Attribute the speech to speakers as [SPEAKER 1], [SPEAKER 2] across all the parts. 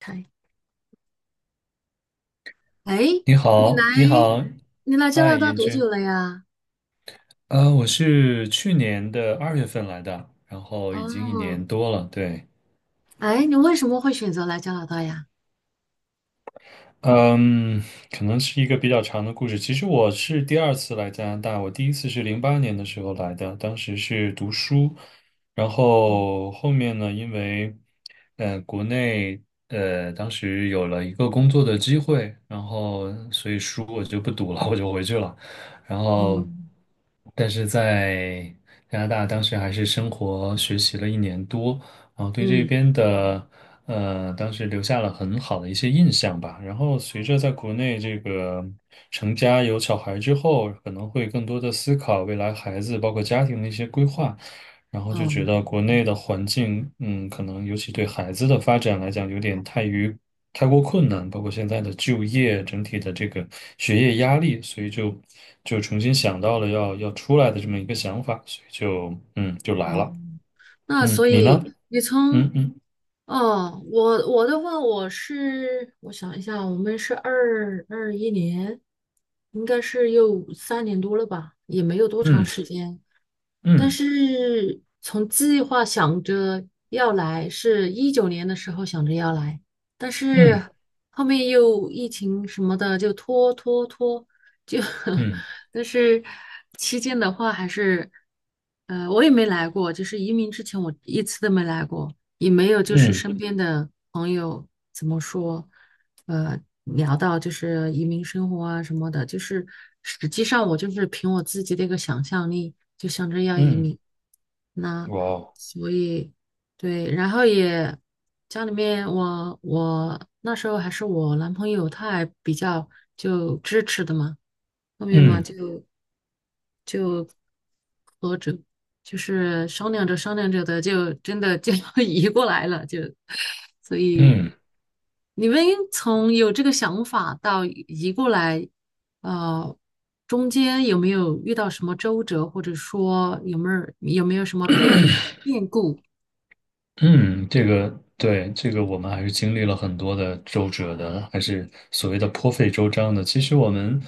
[SPEAKER 1] 开。哎，
[SPEAKER 2] 你
[SPEAKER 1] 你来
[SPEAKER 2] 好，你好，
[SPEAKER 1] 你来加
[SPEAKER 2] 嗨，
[SPEAKER 1] 拿大
[SPEAKER 2] 严
[SPEAKER 1] 多久
[SPEAKER 2] 军，
[SPEAKER 1] 了呀？
[SPEAKER 2] 我是去年的2月份来的，然后已经一
[SPEAKER 1] 哦，
[SPEAKER 2] 年多了，对。
[SPEAKER 1] 哎，你为什么会选择来加拿大呀？
[SPEAKER 2] 嗯，可能是一个比较长的故事。其实我是第二次来加拿大，我第一次是08年的时候来的，当时是读书，然
[SPEAKER 1] 嗯
[SPEAKER 2] 后后面呢，因为国内当时有了一个工作的机会，然后所以书我就不读了，我就回去了。然后，
[SPEAKER 1] 嗯
[SPEAKER 2] 但是在加拿大当时还是生活学习了一年多，然后对这
[SPEAKER 1] 嗯。
[SPEAKER 2] 边的。当时留下了很好的一些印象吧。然后随着在国内这个成家有小孩之后，可能会更多的思考未来孩子包括家庭的一些规划，然后就觉
[SPEAKER 1] 嗯。
[SPEAKER 2] 得国内的环境，可能尤其对孩子的发展来讲，有点太过困难，包括现在的就业，整体的这个学业压力，所以就重新想到了要出来的这么一个想法，所以就来
[SPEAKER 1] 哦。
[SPEAKER 2] 了。
[SPEAKER 1] 那
[SPEAKER 2] 嗯，
[SPEAKER 1] 所
[SPEAKER 2] 你呢？
[SPEAKER 1] 以你从。
[SPEAKER 2] 嗯嗯
[SPEAKER 1] 哦，我的话，我想一下，我们是2021年，应该是有3年多了吧，也没有多长时
[SPEAKER 2] 嗯
[SPEAKER 1] 间。但
[SPEAKER 2] 嗯
[SPEAKER 1] 是从计划想着要来，是2019年的时候想着要来，但
[SPEAKER 2] 嗯。
[SPEAKER 1] 是后面又疫情什么的就拖拖拖，就
[SPEAKER 2] 嗯
[SPEAKER 1] 但是期间的话还是，我也没来过，就是移民之前我一次都没来过，也没有就是
[SPEAKER 2] 嗯
[SPEAKER 1] 身边的朋友怎么说，聊到就是移民生活啊什么的，就是实际上我就是凭我自己的一个想象力，就想着要移
[SPEAKER 2] 嗯，
[SPEAKER 1] 民。那
[SPEAKER 2] 哇哦，
[SPEAKER 1] 所以对，然后也家里面我那时候还是我男朋友，他还比较就支持的嘛，后面嘛
[SPEAKER 2] 嗯
[SPEAKER 1] 就。就。波折，就是商量着商量着的，就真的就要 移过来了，就，所以
[SPEAKER 2] 嗯
[SPEAKER 1] 你们从有这个想法到移过来，呃，中间有没有遇到什么周折，或者说有没有什么变故？
[SPEAKER 2] 嗯，这个对，这个我们还是经历了很多的周折的，还是所谓的颇费周章的。其实我们，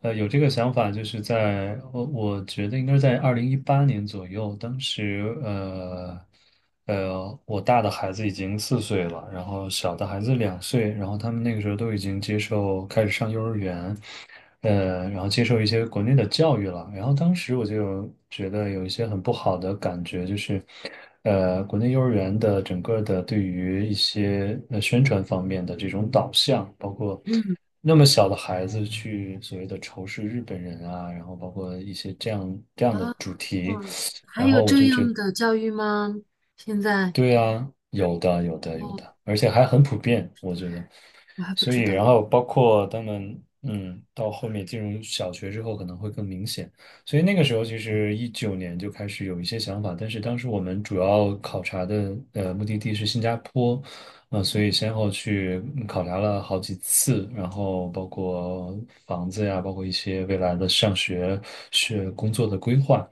[SPEAKER 2] 有这个想法，就是在我觉得应该是在2018年左右，当时我大的孩子已经4岁了，然后小的孩子2岁，然后他们那个时候都已经接受开始上幼儿园，然后接受一些国内的教育了。然后当时我就觉得有一些很不好的感觉，就是，国内幼儿园的整个的对于一些宣传方面的这种导向，包括
[SPEAKER 1] 嗯。
[SPEAKER 2] 那么小的孩子去所谓的仇视日本人啊，然后包括一些这样的
[SPEAKER 1] 啊，
[SPEAKER 2] 主题，
[SPEAKER 1] 哇，还
[SPEAKER 2] 然
[SPEAKER 1] 有
[SPEAKER 2] 后我
[SPEAKER 1] 这
[SPEAKER 2] 就觉
[SPEAKER 1] 样的教育吗？现在？
[SPEAKER 2] 对啊，有的，有的，有
[SPEAKER 1] 哦，
[SPEAKER 2] 的，而且还很普遍，我觉得。
[SPEAKER 1] 我还不
[SPEAKER 2] 所以，
[SPEAKER 1] 知道。
[SPEAKER 2] 然后包括他们，到后面进入小学之后可能会更明显。所以那个时候，其实19年就开始有一些想法，但是当时我们主要考察的目的地是新加坡，所以先后去考察了好几次，然后包括房子呀，包括一些未来的上学、工作的规划。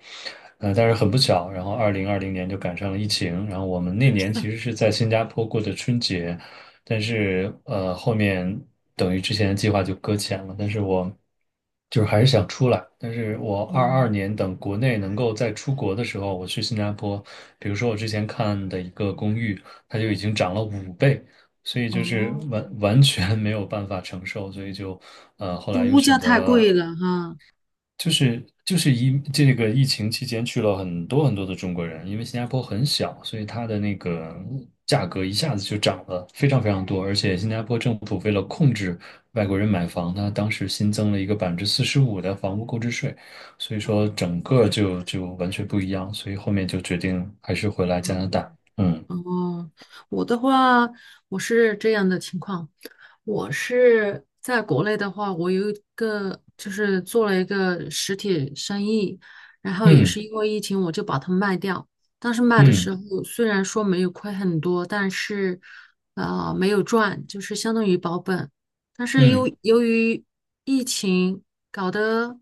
[SPEAKER 2] 但是很不巧，然后2020年就赶上了疫情，然后我们那年其实是在新加坡过的春节，但是后面等于之前的计划就搁浅了，但是我就是还是想出来，但是我二二
[SPEAKER 1] 嗯。
[SPEAKER 2] 年等国内能够再出国的时候，我去新加坡，比如说我之前看的一个公寓。它就已经涨了5倍，所以就是
[SPEAKER 1] 哦，
[SPEAKER 2] 完全没有办法承受，所以就后
[SPEAKER 1] 就
[SPEAKER 2] 来又
[SPEAKER 1] 物价
[SPEAKER 2] 选择
[SPEAKER 1] 太
[SPEAKER 2] 了，
[SPEAKER 1] 贵了哈。
[SPEAKER 2] 就是这个疫情期间去了很多很多的中国人，因为新加坡很小，所以它的那个价格一下子就涨了非常非常多，而且新加坡政府为了控制外国人买房，它当时新增了一个45%的房屋购置税，所以说
[SPEAKER 1] 哦。
[SPEAKER 2] 整个就完全不一样，所以后面就决定还是回来加拿
[SPEAKER 1] 哦。
[SPEAKER 2] 大，嗯
[SPEAKER 1] 哦，我的话，我是这样的情况，我是在国内的话，我有一个就是做了一个实体生意，然后也
[SPEAKER 2] 嗯
[SPEAKER 1] 是因为疫情，我就把它卖掉。当时卖的
[SPEAKER 2] 嗯。
[SPEAKER 1] 时候虽然说没有亏很多，但是没有赚，就是相当于保本。但是由
[SPEAKER 2] 嗯
[SPEAKER 1] 由于疫情搞得，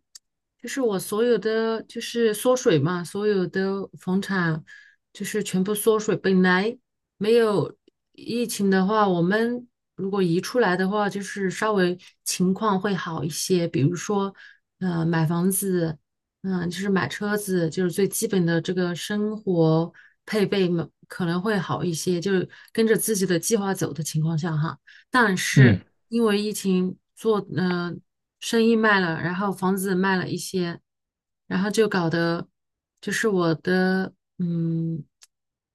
[SPEAKER 1] 就是我所有的就是缩水嘛，所有的房产就是全部缩水。本来没有疫情的话，我们如果移出来的话，就是稍微情况会好一些。比如说，买房子，就是买车子，就是最基本的这个生活配备嘛，可能会好一些，就是跟着自己的计划走的情况下哈。但是
[SPEAKER 2] 嗯
[SPEAKER 1] 因为疫情做，生意卖了，然后房子卖了一些，然后就搞得就是我的，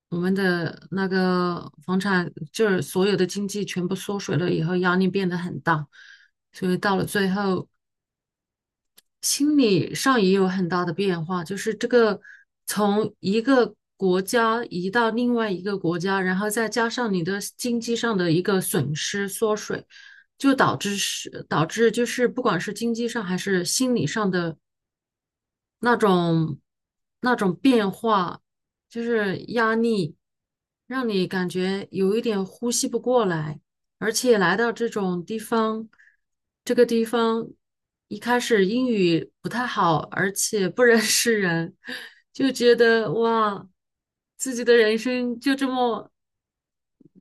[SPEAKER 1] 我们的那个房产就是所有的经济全部缩水了以后，压力变得很大，所以到了最后。心理上也有很大的变化，就是这个从一个国家移到另外一个国家，然后再加上你的经济上的一个损失缩水，就导致就是不管是经济上还是心理上的。那种那种变化，就是压力，让你感觉有一点呼吸不过来，而且来到这种地方，这个地方一开始英语不太好，而且不认识人，就觉得哇，自己的人生就这么。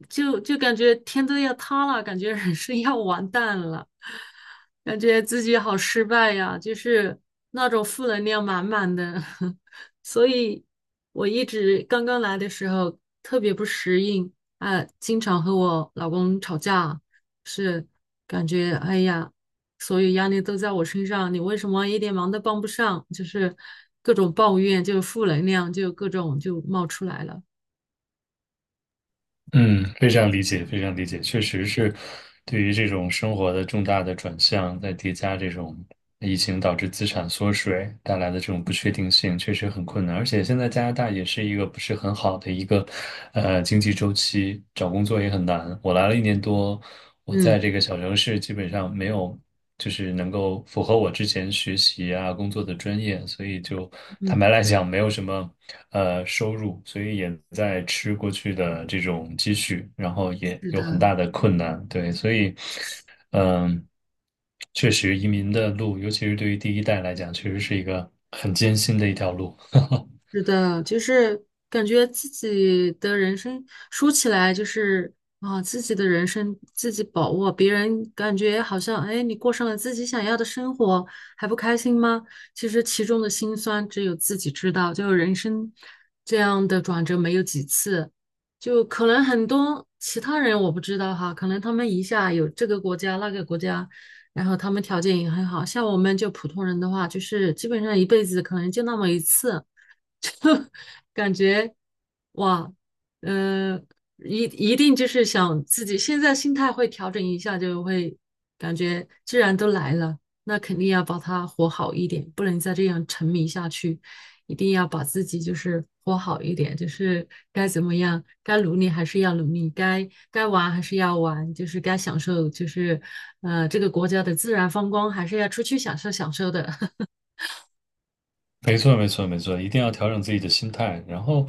[SPEAKER 1] 就感觉天都要塌了，感觉人生要完蛋了，感觉自己好失败呀，就是那种负能量满满的。所以我一直刚刚来的时候特别不适应，啊，经常和我老公吵架，是，感觉哎呀，所有压力都在我身上，你为什么一点忙都帮不上？就是各种抱怨，就负能量，就各种就冒出来了。
[SPEAKER 2] 嗯，非常理解，非常理解，确实是对于这种生活的重大的转向，在叠加这种疫情导致资产缩水带来的这种不确定性，确实很困难。而且现在加拿大也是一个不是很好的一个经济周期，找工作也很难。我来了一年多，我在
[SPEAKER 1] 嗯。
[SPEAKER 2] 这个小城市基本上没有。就是能够符合我之前学习啊、工作的专业，所以就
[SPEAKER 1] 嗯，
[SPEAKER 2] 坦白来讲，没有什么收入，所以也在吃过去的这种积蓄，然后也
[SPEAKER 1] 是
[SPEAKER 2] 有
[SPEAKER 1] 的。
[SPEAKER 2] 很大的困难，对，所以嗯，确实移民的路，尤其是对于第一代来讲，确实是一个很艰辛的一条路。
[SPEAKER 1] 是的，就是感觉自己的人生说起来就是啊，自己的人生自己把握，别人感觉好像哎，你过上了自己想要的生活，还不开心吗？其实其中的辛酸只有自己知道，就人生这样的转折没有几次，就可能很多其他人我不知道哈，可能他们一下有这个国家那个国家，然后他们条件也很好，像我们就普通人的话，就是基本上一辈子可能就那么一次。就感觉哇，嗯呃，一一定就是想自己现在心态会调整一下，就会感觉既然都来了，那肯定要把它活好一点，不能再这样沉迷下去，一定要把自己就是活好一点，就是该怎么样，该努力还是要努力，该玩还是要玩，就是该享受，就是这个国家的自然风光还是要出去享受享受的。
[SPEAKER 2] 没错，没错，没错，一定要调整自己的心态。然后，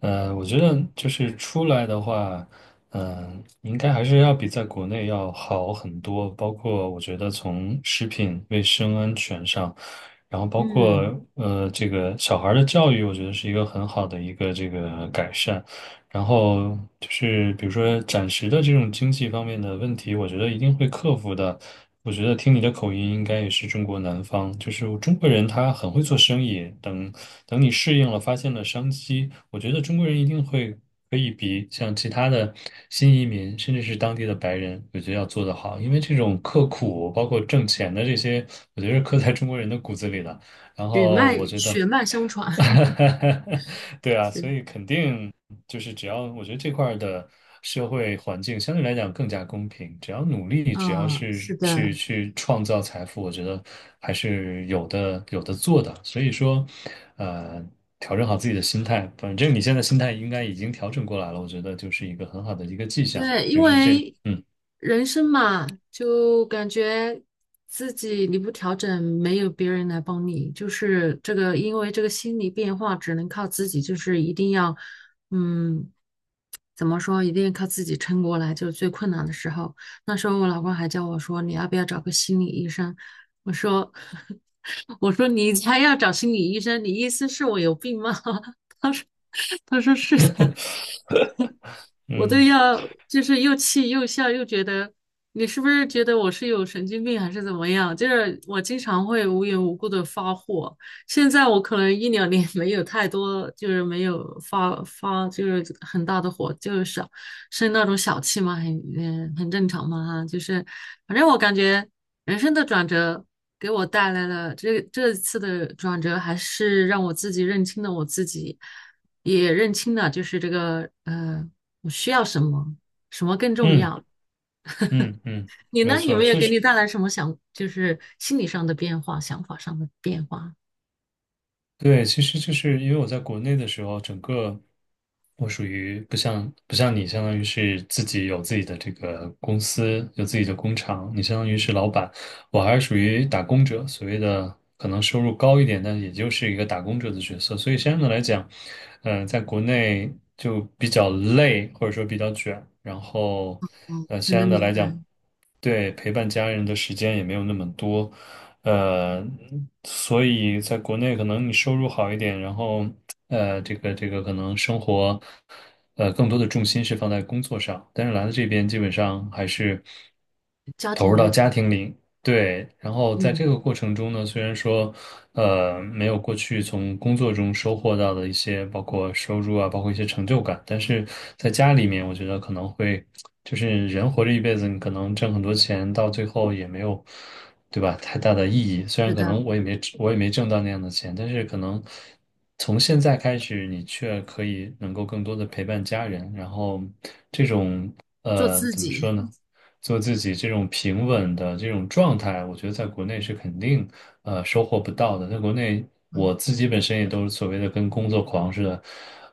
[SPEAKER 2] 我觉得就是出来的话，应该还是要比在国内要好很多。包括我觉得从食品卫生安全上，然后 包括
[SPEAKER 1] 嗯，
[SPEAKER 2] 这个小孩儿的教育，我觉得是一个很好的一个这个改善。然后就是比如说暂时的这种经济方面的问题，我觉得一定会克服的。我觉得听你的口音，应该也是中国南方，就是中国人他很会做生意。等你适应了，发现了商机，我觉得中国人一定会可以比像其他的新移民，甚至是当地的白人，我觉得要做得好。因为这种刻苦，包括挣钱的这些，我觉得是刻在中国人的骨子里的。然
[SPEAKER 1] 血
[SPEAKER 2] 后
[SPEAKER 1] 脉
[SPEAKER 2] 我觉得。
[SPEAKER 1] 血脉相传。
[SPEAKER 2] 对啊，
[SPEAKER 1] 是。
[SPEAKER 2] 所以肯定。就是只要我觉得这块儿的社会环境相对来讲更加公平，只要努力，只要
[SPEAKER 1] 嗯，
[SPEAKER 2] 是
[SPEAKER 1] 是
[SPEAKER 2] 去
[SPEAKER 1] 的。
[SPEAKER 2] 去创造财富，我觉得还是有的做的。所以说，呃，调整好自己的心态，反正你现在心态应该已经调整过来了，我觉得就是一个很好的一个迹象嘛，
[SPEAKER 1] 对，因
[SPEAKER 2] 就是这，
[SPEAKER 1] 为
[SPEAKER 2] 嗯
[SPEAKER 1] 人生嘛，就感觉自己你不调整，没有别人来帮你，就是这个，因为这个心理变化只能靠自己，就是一定要，嗯，怎么说，一定要靠自己撑过来，就是最困难的时候。那时候我老公还叫我说，你要不要找个心理医生？我说，我说你才要找心理医生，你意思是我有病吗？他说是的。我都
[SPEAKER 2] 嗯
[SPEAKER 1] 要就是又气又笑，又觉得你是不是觉得我是有神经病还是怎么样？就是我经常会无缘无故的发火，现在我可能一两年 没有太多，就是没有发就是很大的火，就是小生那种小气嘛，很正常嘛哈，就是反正我感觉人生的转折给我带来了这次的转折，还是让我自己认清了我自己。也认清了，就是这个我需要什么，什么更重
[SPEAKER 2] 嗯
[SPEAKER 1] 要。
[SPEAKER 2] 嗯嗯，
[SPEAKER 1] 你
[SPEAKER 2] 没
[SPEAKER 1] 呢，有
[SPEAKER 2] 错，
[SPEAKER 1] 没有
[SPEAKER 2] 确
[SPEAKER 1] 给
[SPEAKER 2] 实。
[SPEAKER 1] 你带来什么想，就是心理上的变化、想法上的变化？
[SPEAKER 2] 对，其实就是因为我在国内的时候，整个我属于不像你，相当于是自己有自己的这个公司，有自己的工厂，你相当于是老板，我还是属于打工者，所谓的可能收入高一点，但也就是一个打工者的角色。所以相应的来讲，在国内就比较累，或者说比较卷，然后
[SPEAKER 1] 哦，很
[SPEAKER 2] 相
[SPEAKER 1] 能
[SPEAKER 2] 应的
[SPEAKER 1] 明
[SPEAKER 2] 来
[SPEAKER 1] 白。
[SPEAKER 2] 讲，对陪伴家人的时间也没有那么多。呃，所以在国内可能你收入好一点，然后这个可能生活，更多的重心是放在工作上，但是来了这边基本上还是
[SPEAKER 1] 家
[SPEAKER 2] 投
[SPEAKER 1] 庭
[SPEAKER 2] 入到
[SPEAKER 1] 为主。
[SPEAKER 2] 家庭里，对，然后在
[SPEAKER 1] 嗯，
[SPEAKER 2] 这个过程中呢，虽然说没有过去从工作中收获到的一些，包括收入啊，包括一些成就感。但是在家里面，我觉得可能会，就是人活着一辈子，你可能挣很多钱，到最后也没有，对吧？太大的意义。虽
[SPEAKER 1] 是
[SPEAKER 2] 然可
[SPEAKER 1] 的。
[SPEAKER 2] 能我也没挣到那样的钱，但是可能从现在开始，你却可以能够更多的陪伴家人，然后这种
[SPEAKER 1] 做自
[SPEAKER 2] 怎么
[SPEAKER 1] 己。
[SPEAKER 2] 说呢？做自己这种平稳的这种状态，我觉得在国内是肯定收获不到的。在国内，
[SPEAKER 1] 啊，
[SPEAKER 2] 我自己本身也都是所谓的跟工作狂似的，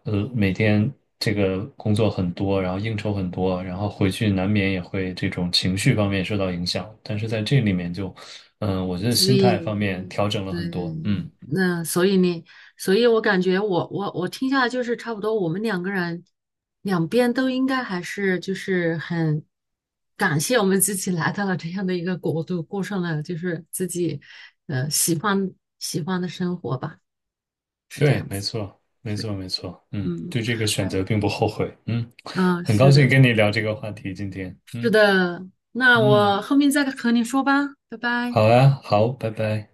[SPEAKER 2] 每天这个工作很多，然后应酬很多，然后回去难免也会这种情绪方面受到影响。但是在这里面就，我觉得
[SPEAKER 1] 所
[SPEAKER 2] 心态方
[SPEAKER 1] 以。
[SPEAKER 2] 面调整了
[SPEAKER 1] 对。
[SPEAKER 2] 很多。嗯，
[SPEAKER 1] 那所以呢，所以我感觉我听下来就是差不多，我们2个人两边都应该还是就是很感谢我们自己来到了这样的一个国度，过上了就是自己呃喜欢喜欢的生活吧，是这
[SPEAKER 2] 对，
[SPEAKER 1] 样
[SPEAKER 2] 没
[SPEAKER 1] 子，
[SPEAKER 2] 错，没
[SPEAKER 1] 是，
[SPEAKER 2] 错，没错。嗯，
[SPEAKER 1] 嗯
[SPEAKER 2] 对这个选
[SPEAKER 1] 嗯，
[SPEAKER 2] 择并不后悔。嗯，
[SPEAKER 1] 嗯，
[SPEAKER 2] 很
[SPEAKER 1] 是
[SPEAKER 2] 高
[SPEAKER 1] 的，
[SPEAKER 2] 兴跟你聊这个话题今天。
[SPEAKER 1] 是
[SPEAKER 2] 嗯
[SPEAKER 1] 的，那
[SPEAKER 2] 嗯。
[SPEAKER 1] 我后面再和你说吧，拜拜。
[SPEAKER 2] 好啊，好，拜拜。